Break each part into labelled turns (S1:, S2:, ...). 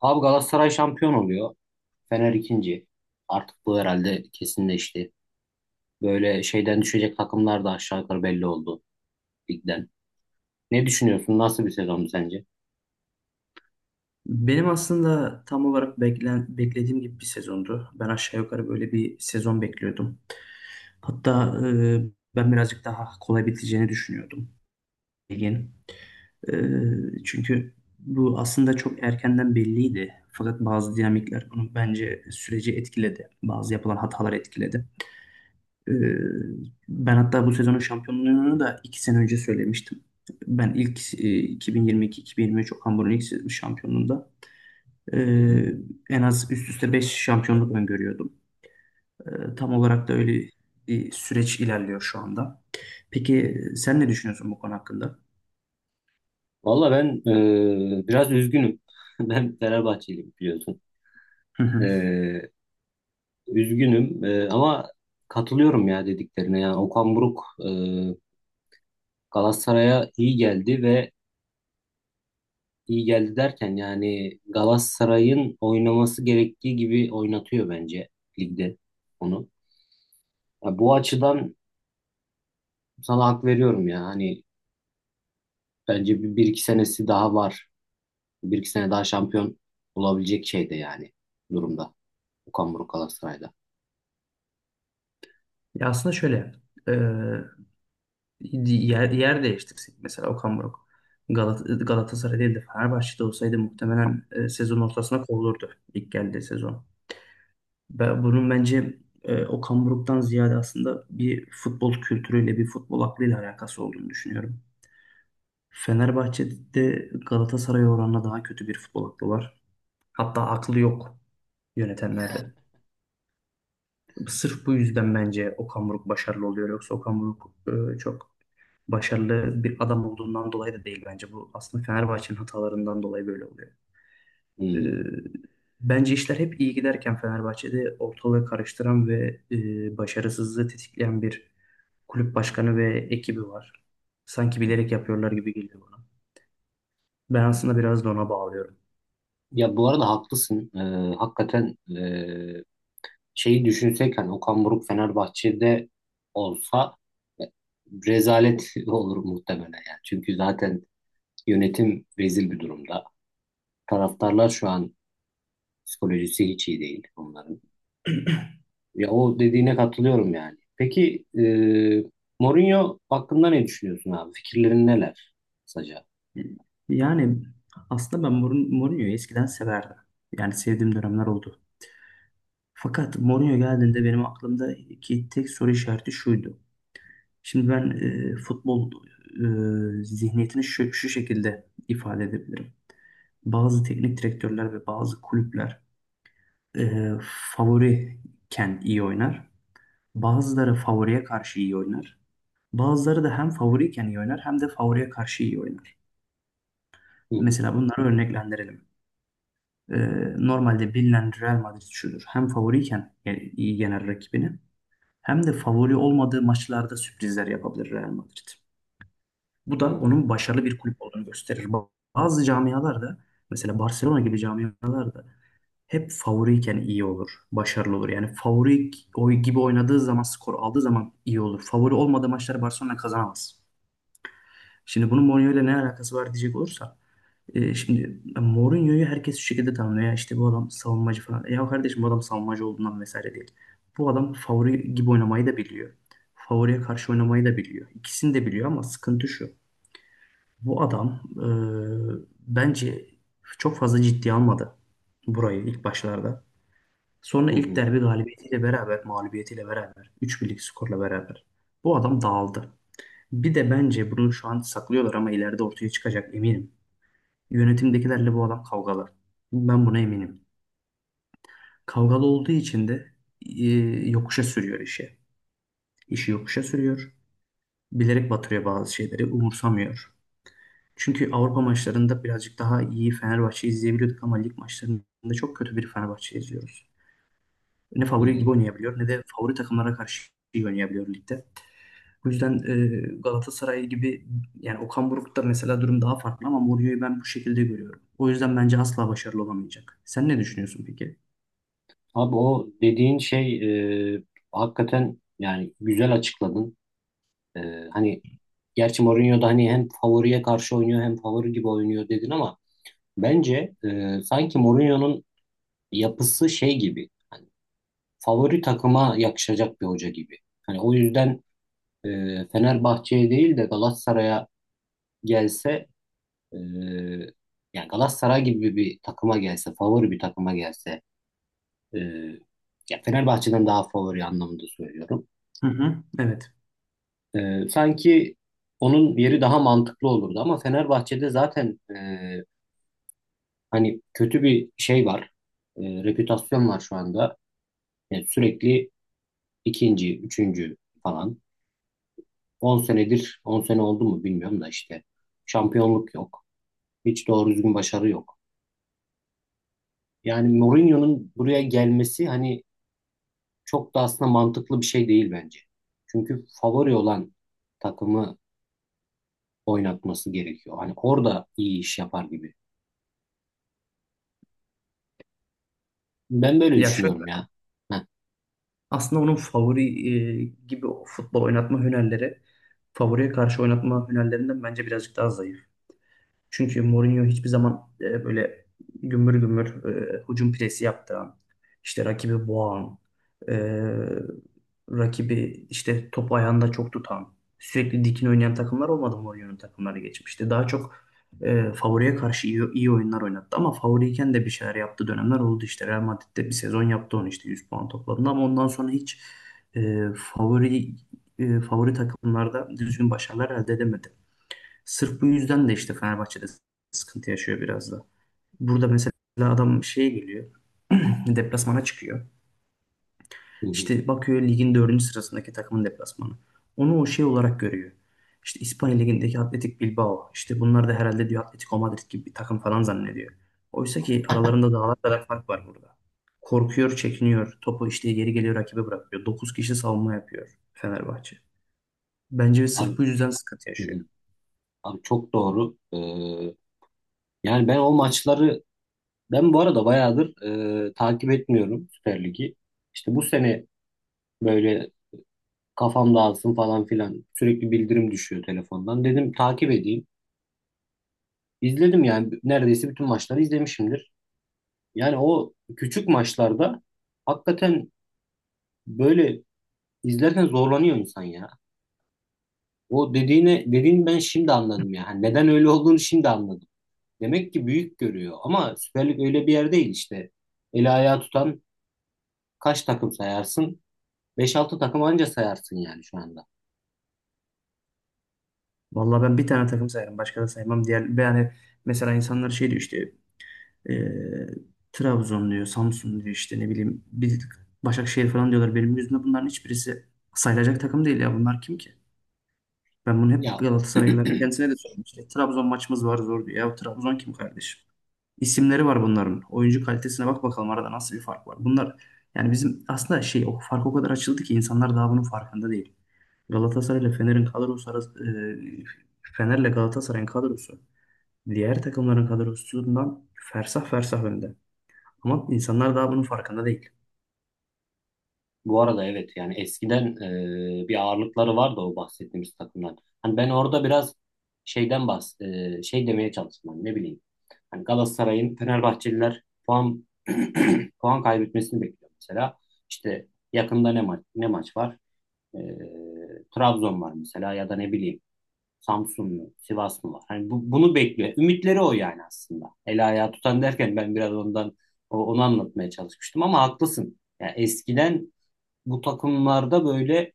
S1: Abi Galatasaray şampiyon oluyor. Fener ikinci. Artık bu herhalde kesinleşti. Böyle şeyden düşecek takımlar da aşağı yukarı belli oldu ligden. Ne düşünüyorsun? Nasıl bir sezon sence?
S2: Benim aslında tam olarak beklediğim gibi bir sezondu. Ben aşağı yukarı böyle bir sezon bekliyordum. Hatta ben birazcık daha kolay biteceğini düşünüyordum ligin. E, Çünkü bu aslında çok erkenden belliydi. Fakat bazı dinamikler bunu bence süreci etkiledi. Bazı yapılan hatalar etkiledi. E, Ben hatta bu sezonun şampiyonluğunu da 2 sene önce söylemiştim. Ben ilk 2022-2023 Okan Buruk'un ilk şampiyonluğunda,
S1: Hı hı.
S2: Ee, en az üst üste 5 şampiyonluk öngörüyordum. Tam olarak da öyle bir süreç ilerliyor şu anda. Peki sen ne düşünüyorsun bu konu hakkında?
S1: Valla ben biraz üzgünüm. Ben Fenerbahçeliyim biliyorsun.
S2: Hı
S1: E,
S2: hı.
S1: üzgünüm ama katılıyorum ya dediklerine. Yani Okan Buruk Galatasaray'a iyi geldi ve iyi geldi derken yani Galatasaray'ın oynaması gerektiği gibi oynatıyor bence ligde onu. Ya bu açıdan sana hak veriyorum ya. Hani bence bir iki senesi daha var. Bir iki sene daha şampiyon olabilecek şeyde yani durumda. Okan Buruk Galatasaray'da.
S2: Ya aslında şöyle, e, yer değiştirsek mesela Okan Buruk Galatasaray değil de Fenerbahçe'de olsaydı muhtemelen sezon ortasına kovulurdu ilk geldiği sezon. Bunun bence Okan Buruk'tan ziyade aslında bir futbol kültürüyle, bir futbol aklıyla alakası olduğunu düşünüyorum. Fenerbahçe'de Galatasaray oranına daha kötü bir futbol aklı var. Hatta aklı yok yönetenlerde. Sırf bu yüzden bence Okan Buruk başarılı oluyor. Yoksa Okan Buruk çok başarılı bir adam olduğundan dolayı da değil bence. Bu aslında Fenerbahçe'nin hatalarından dolayı böyle oluyor.
S1: Hmm.
S2: E, Bence işler hep iyi giderken Fenerbahçe'de ortalığı karıştıran ve başarısızlığı tetikleyen bir kulüp başkanı ve ekibi var. Sanki bilerek yapıyorlar gibi geliyor bana. Ben aslında biraz da ona bağlıyorum.
S1: Ya bu arada haklısın. Hakikaten şeyi düşünsek hani Okan Buruk Fenerbahçe'de olsa e, rezalet olur muhtemelen yani. Çünkü zaten yönetim rezil bir durumda. Taraftarlar şu an psikolojisi hiç iyi değil onların. Ya o dediğine katılıyorum yani. Peki Mourinho hakkında ne düşünüyorsun abi? Fikirlerin neler kısaca?
S2: Yani aslında ben Mourinho'yu eskiden severdim. Yani sevdiğim dönemler oldu. Fakat Mourinho geldiğinde benim aklımdaki tek soru işareti şuydu. Şimdi ben futbol zihniyetini şu şekilde ifade edebilirim. Bazı teknik direktörler ve bazı kulüpler e, favoriyken iyi oynar. Bazıları favoriye karşı iyi oynar. Bazıları da hem favoriyken iyi oynar hem de favoriye karşı iyi oynar.
S1: Hı hı,
S2: Mesela bunları örneklendirelim. E, Normalde bilinen Real Madrid şudur. Hem favoriyken yani iyi genel rakibini hem de favori olmadığı maçlarda sürprizler yapabilir Real Madrid. Bu
S1: hı
S2: da
S1: hı,
S2: onun başarılı bir kulüp olduğunu gösterir. Bazı camialarda mesela Barcelona gibi camialarda hep favoriyken iyi olur, başarılı olur. Yani favori oy gibi oynadığı zaman, skor aldığı zaman iyi olur. Favori olmadığı maçları Barcelona kazanamaz. Şimdi bunun Mourinho ile ne alakası var diyecek olursa şimdi Mourinho'yu herkes şu şekilde tanımlıyor. Ya işte bu adam savunmacı falan. Ya kardeşim bu adam savunmacı olduğundan vesaire değil. Bu adam favori gibi oynamayı da biliyor. Favoriye karşı oynamayı da biliyor. İkisini de biliyor ama sıkıntı şu. Bu adam bence çok fazla ciddiye almadı burayı ilk başlarda. Sonra
S1: hı
S2: ilk
S1: hı,
S2: derbi galibiyetiyle beraber, mağlubiyetiyle beraber, üç birlik skorla beraber bu adam dağıldı. Bir de bence bunu şu an saklıyorlar ama ileride ortaya çıkacak eminim. Yönetimdekilerle bu adam kavgalar. Ben buna eminim. Kavgalı olduğu için de e, yokuşa sürüyor işi. İşi yokuşa sürüyor. Bilerek batırıyor bazı şeyleri, umursamıyor. Çünkü Avrupa maçlarında birazcık daha iyi Fenerbahçe izleyebiliyorduk ama lig maçlarında çok kötü bir Fenerbahçe izliyoruz. Ne
S1: hı
S2: favori gibi
S1: hı.
S2: oynayabiliyor ne de favori takımlara karşı iyi oynayabiliyor ligde. Bu yüzden Galatasaray gibi yani Okan Buruk'ta mesela durum daha farklı ama Mourinho'yu ben bu şekilde görüyorum. O yüzden bence asla başarılı olamayacak. Sen ne düşünüyorsun peki?
S1: Abi o dediğin şey hakikaten yani güzel açıkladın. E, hani gerçi Mourinho da hani hem favoriye karşı oynuyor hem favori gibi oynuyor dedin ama bence sanki Mourinho'nun yapısı şey gibi. Hani favori takıma yakışacak bir hoca gibi. Hani o yüzden e, Fenerbahçe'ye değil de Galatasaray'a gelse e, yani Galatasaray gibi bir takıma gelse, favori bir takıma gelse e, ya Fenerbahçe'den daha favori anlamında söylüyorum.
S2: Hı hı. Evet.
S1: Sanki onun yeri daha mantıklı olurdu ama Fenerbahçe'de zaten hani kötü bir şey var. Reputasyon var şu anda. Yani sürekli ikinci, üçüncü falan. 10 senedir, 10 sene oldu mu bilmiyorum da işte şampiyonluk yok. Hiç doğru düzgün başarı yok. Yani Mourinho'nun buraya gelmesi hani çok da aslında mantıklı bir şey değil bence. Çünkü favori olan takımı oynatması gerekiyor. Hani orada iyi iş yapar gibi. Ben böyle
S2: Ya şöyle
S1: düşünüyorum ya. Heh,
S2: aslında onun favori gibi o futbol oynatma hünerleri favoriye karşı oynatma hünerlerinden bence birazcık daha zayıf. Çünkü Mourinho hiçbir zaman böyle gümbür gümbür hücum presi yaptıran, işte rakibi boğan, e, rakibi işte topu ayağında çok tutan, sürekli dikin oynayan takımlar olmadı Mourinho'nun takımları geçmişti. Daha çok favoriye karşı iyi oyunlar oynattı ama favoriyken de bir şeyler yaptığı dönemler oldu işte. Real Madrid'de bir sezon yaptı onu işte 100 puan topladığında ama ondan sonra hiç e, favori favori takımlarda düzgün başarılar elde edemedi. Sırf bu yüzden de işte Fenerbahçe'de sıkıntı yaşıyor biraz da. Burada mesela adam şeye geliyor. Deplasmana çıkıyor.
S1: hı hı.
S2: İşte bakıyor ligin dördüncü sırasındaki takımın deplasmanı. Onu o şey olarak görüyor. İşte İspanya ligindeki Atletik Bilbao. İşte bunlar da herhalde diyor Atletico Madrid gibi bir takım falan zannediyor. Oysa ki aralarında dağlar kadar fark var burada. Korkuyor, çekiniyor. Topu işte geri geliyor rakibe bırakıyor. 9 kişi savunma yapıyor Fenerbahçe. Bence sırf
S1: Abi,
S2: bu yüzden sıkıntı
S1: hı
S2: yaşıyor.
S1: hı. Abi çok doğru. Yani ben o maçları ben bu arada bayağıdır takip etmiyorum Süper Lig'i. İşte bu sene böyle kafam dağılsın falan filan. Sürekli bildirim düşüyor telefondan. Dedim takip edeyim. İzledim yani neredeyse bütün maçları izlemişimdir. Yani o küçük maçlarda hakikaten böyle izlerken zorlanıyor insan ya. O dediğini ben şimdi anladım ya. Hani neden öyle olduğunu şimdi anladım. Demek ki büyük görüyor ama Süper Lig öyle bir yer değil işte. Eli ayağı tutan kaç takım sayarsın? Beş altı takım anca sayarsın yani şu anda.
S2: Vallahi ben bir tane takım sayarım. Başka da saymam. Diğer, yani mesela insanlar şey diyor işte e, Trabzon diyor, Samsun diyor işte ne bileyim bir Başakşehir falan diyorlar. Benim yüzümde bunların hiçbirisi sayılacak takım değil ya. Bunlar kim ki? Ben bunu
S1: Ya
S2: hep Galatasaraylıların kendisine de söylemiştim. İşte Trabzon maçımız var zor diyor. Ya Trabzon kim kardeşim? İsimleri var bunların. Oyuncu kalitesine bak bakalım arada nasıl bir fark var. Bunlar yani bizim aslında şey o fark o kadar açıldı ki insanlar daha bunun farkında değil. Galatasaray ile Fener'in kadrosu arası, Fener'le Galatasaray'ın kadrosu diğer takımların kadrosundan fersah fersah önde. Ama insanlar daha bunun farkında değil.
S1: bu arada evet yani eskiden bir ağırlıkları vardı o bahsettiğimiz takımlar. Hani ben orada biraz şeyden şey demeye çalıştım hani ne bileyim. Hani Galatasaray'ın Fenerbahçeliler puan puan kaybetmesini bekliyor mesela. İşte yakında ne maç ne maç var? E, Trabzon var mesela ya da ne bileyim Samsun mu, Sivas mı var? Hani bunu bekliyor. Ümitleri o yani aslında. El ayağı tutan derken ben biraz ondan onu anlatmaya çalışmıştım ama haklısın. Yani eskiden bu takımlarda böyle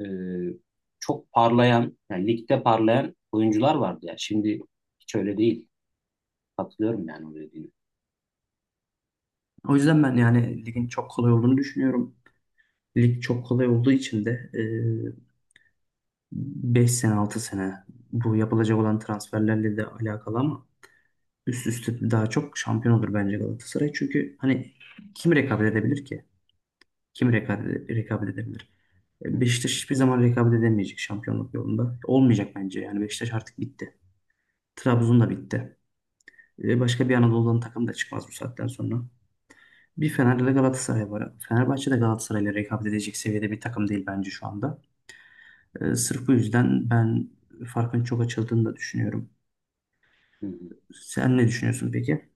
S1: e, çok parlayan, yani ligde parlayan oyuncular vardı ya. Şimdi hiç öyle değil. Katılıyorum yani o dediğine.
S2: O yüzden ben yani ligin çok kolay olduğunu düşünüyorum. Lig çok kolay olduğu için de 5 sene 6 sene bu yapılacak olan transferlerle de alakalı ama üst üste daha çok şampiyon olur bence Galatasaray. Çünkü hani kim rekabet edebilir ki? Kim rekabet edebilir?
S1: Hı hı.
S2: Beşiktaş hiçbir zaman rekabet edemeyecek şampiyonluk yolunda. Olmayacak bence. Yani Beşiktaş artık bitti. Trabzon da bitti. Başka bir Anadolu'dan takım da çıkmaz bu saatten sonra. Bir Fener'de
S1: Yani,
S2: de Galatasaray var. Fenerbahçe de Galatasaray'la rekabet edecek seviyede bir takım değil bence şu anda. Sırf bu yüzden ben farkın çok açıldığını da düşünüyorum.
S1: hı hı.
S2: Sen ne düşünüyorsun peki?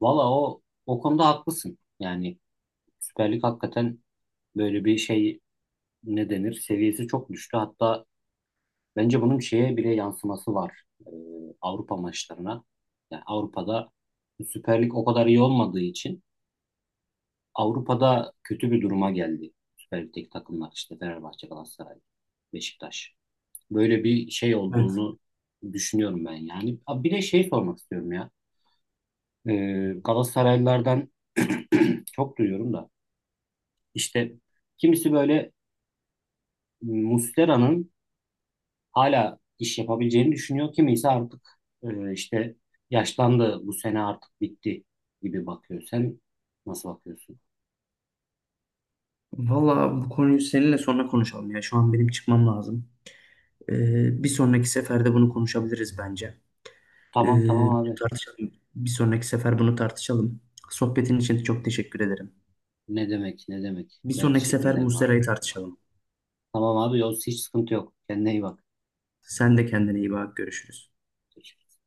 S1: Valla o konuda haklısın. Yani Süper Lig hakikaten böyle bir şey ne denir? Seviyesi çok düştü. Hatta bence bunun şeye bile yansıması var. Avrupa maçlarına. Yani Avrupa'da Süper Lig o kadar iyi olmadığı için Avrupa'da kötü bir duruma geldi. Süper Lig'deki takımlar işte Fenerbahçe, Galatasaray, Beşiktaş. Böyle bir şey
S2: Evet.
S1: olduğunu düşünüyorum ben yani. Abi bir de şey sormak istiyorum ya. Galatasaraylılardan çok duyuyorum da. İşte kimisi böyle Muslera'nın hala iş yapabileceğini düşünüyor. Kimisi artık işte yaşlandı bu sene artık bitti gibi bakıyor. Sen nasıl bakıyorsun?
S2: Valla bu konuyu seninle sonra konuşalım ya. Şu an benim çıkmam lazım. Bir sonraki seferde bunu konuşabiliriz bence. Ee,
S1: Tamam, tamam
S2: bunu
S1: abi.
S2: tartışalım. Bir sonraki sefer bunu tartışalım. Sohbetin için çok teşekkür ederim.
S1: Ne demek, ne demek.
S2: Bir
S1: Ben
S2: sonraki
S1: teşekkür
S2: sefer
S1: ederim abi.
S2: Muslera'yı tartışalım.
S1: Tamam abi Yavuz, hiç sıkıntı yok. Kendine iyi bak.
S2: Sen de kendine iyi bak. Görüşürüz.
S1: Görüşürüz.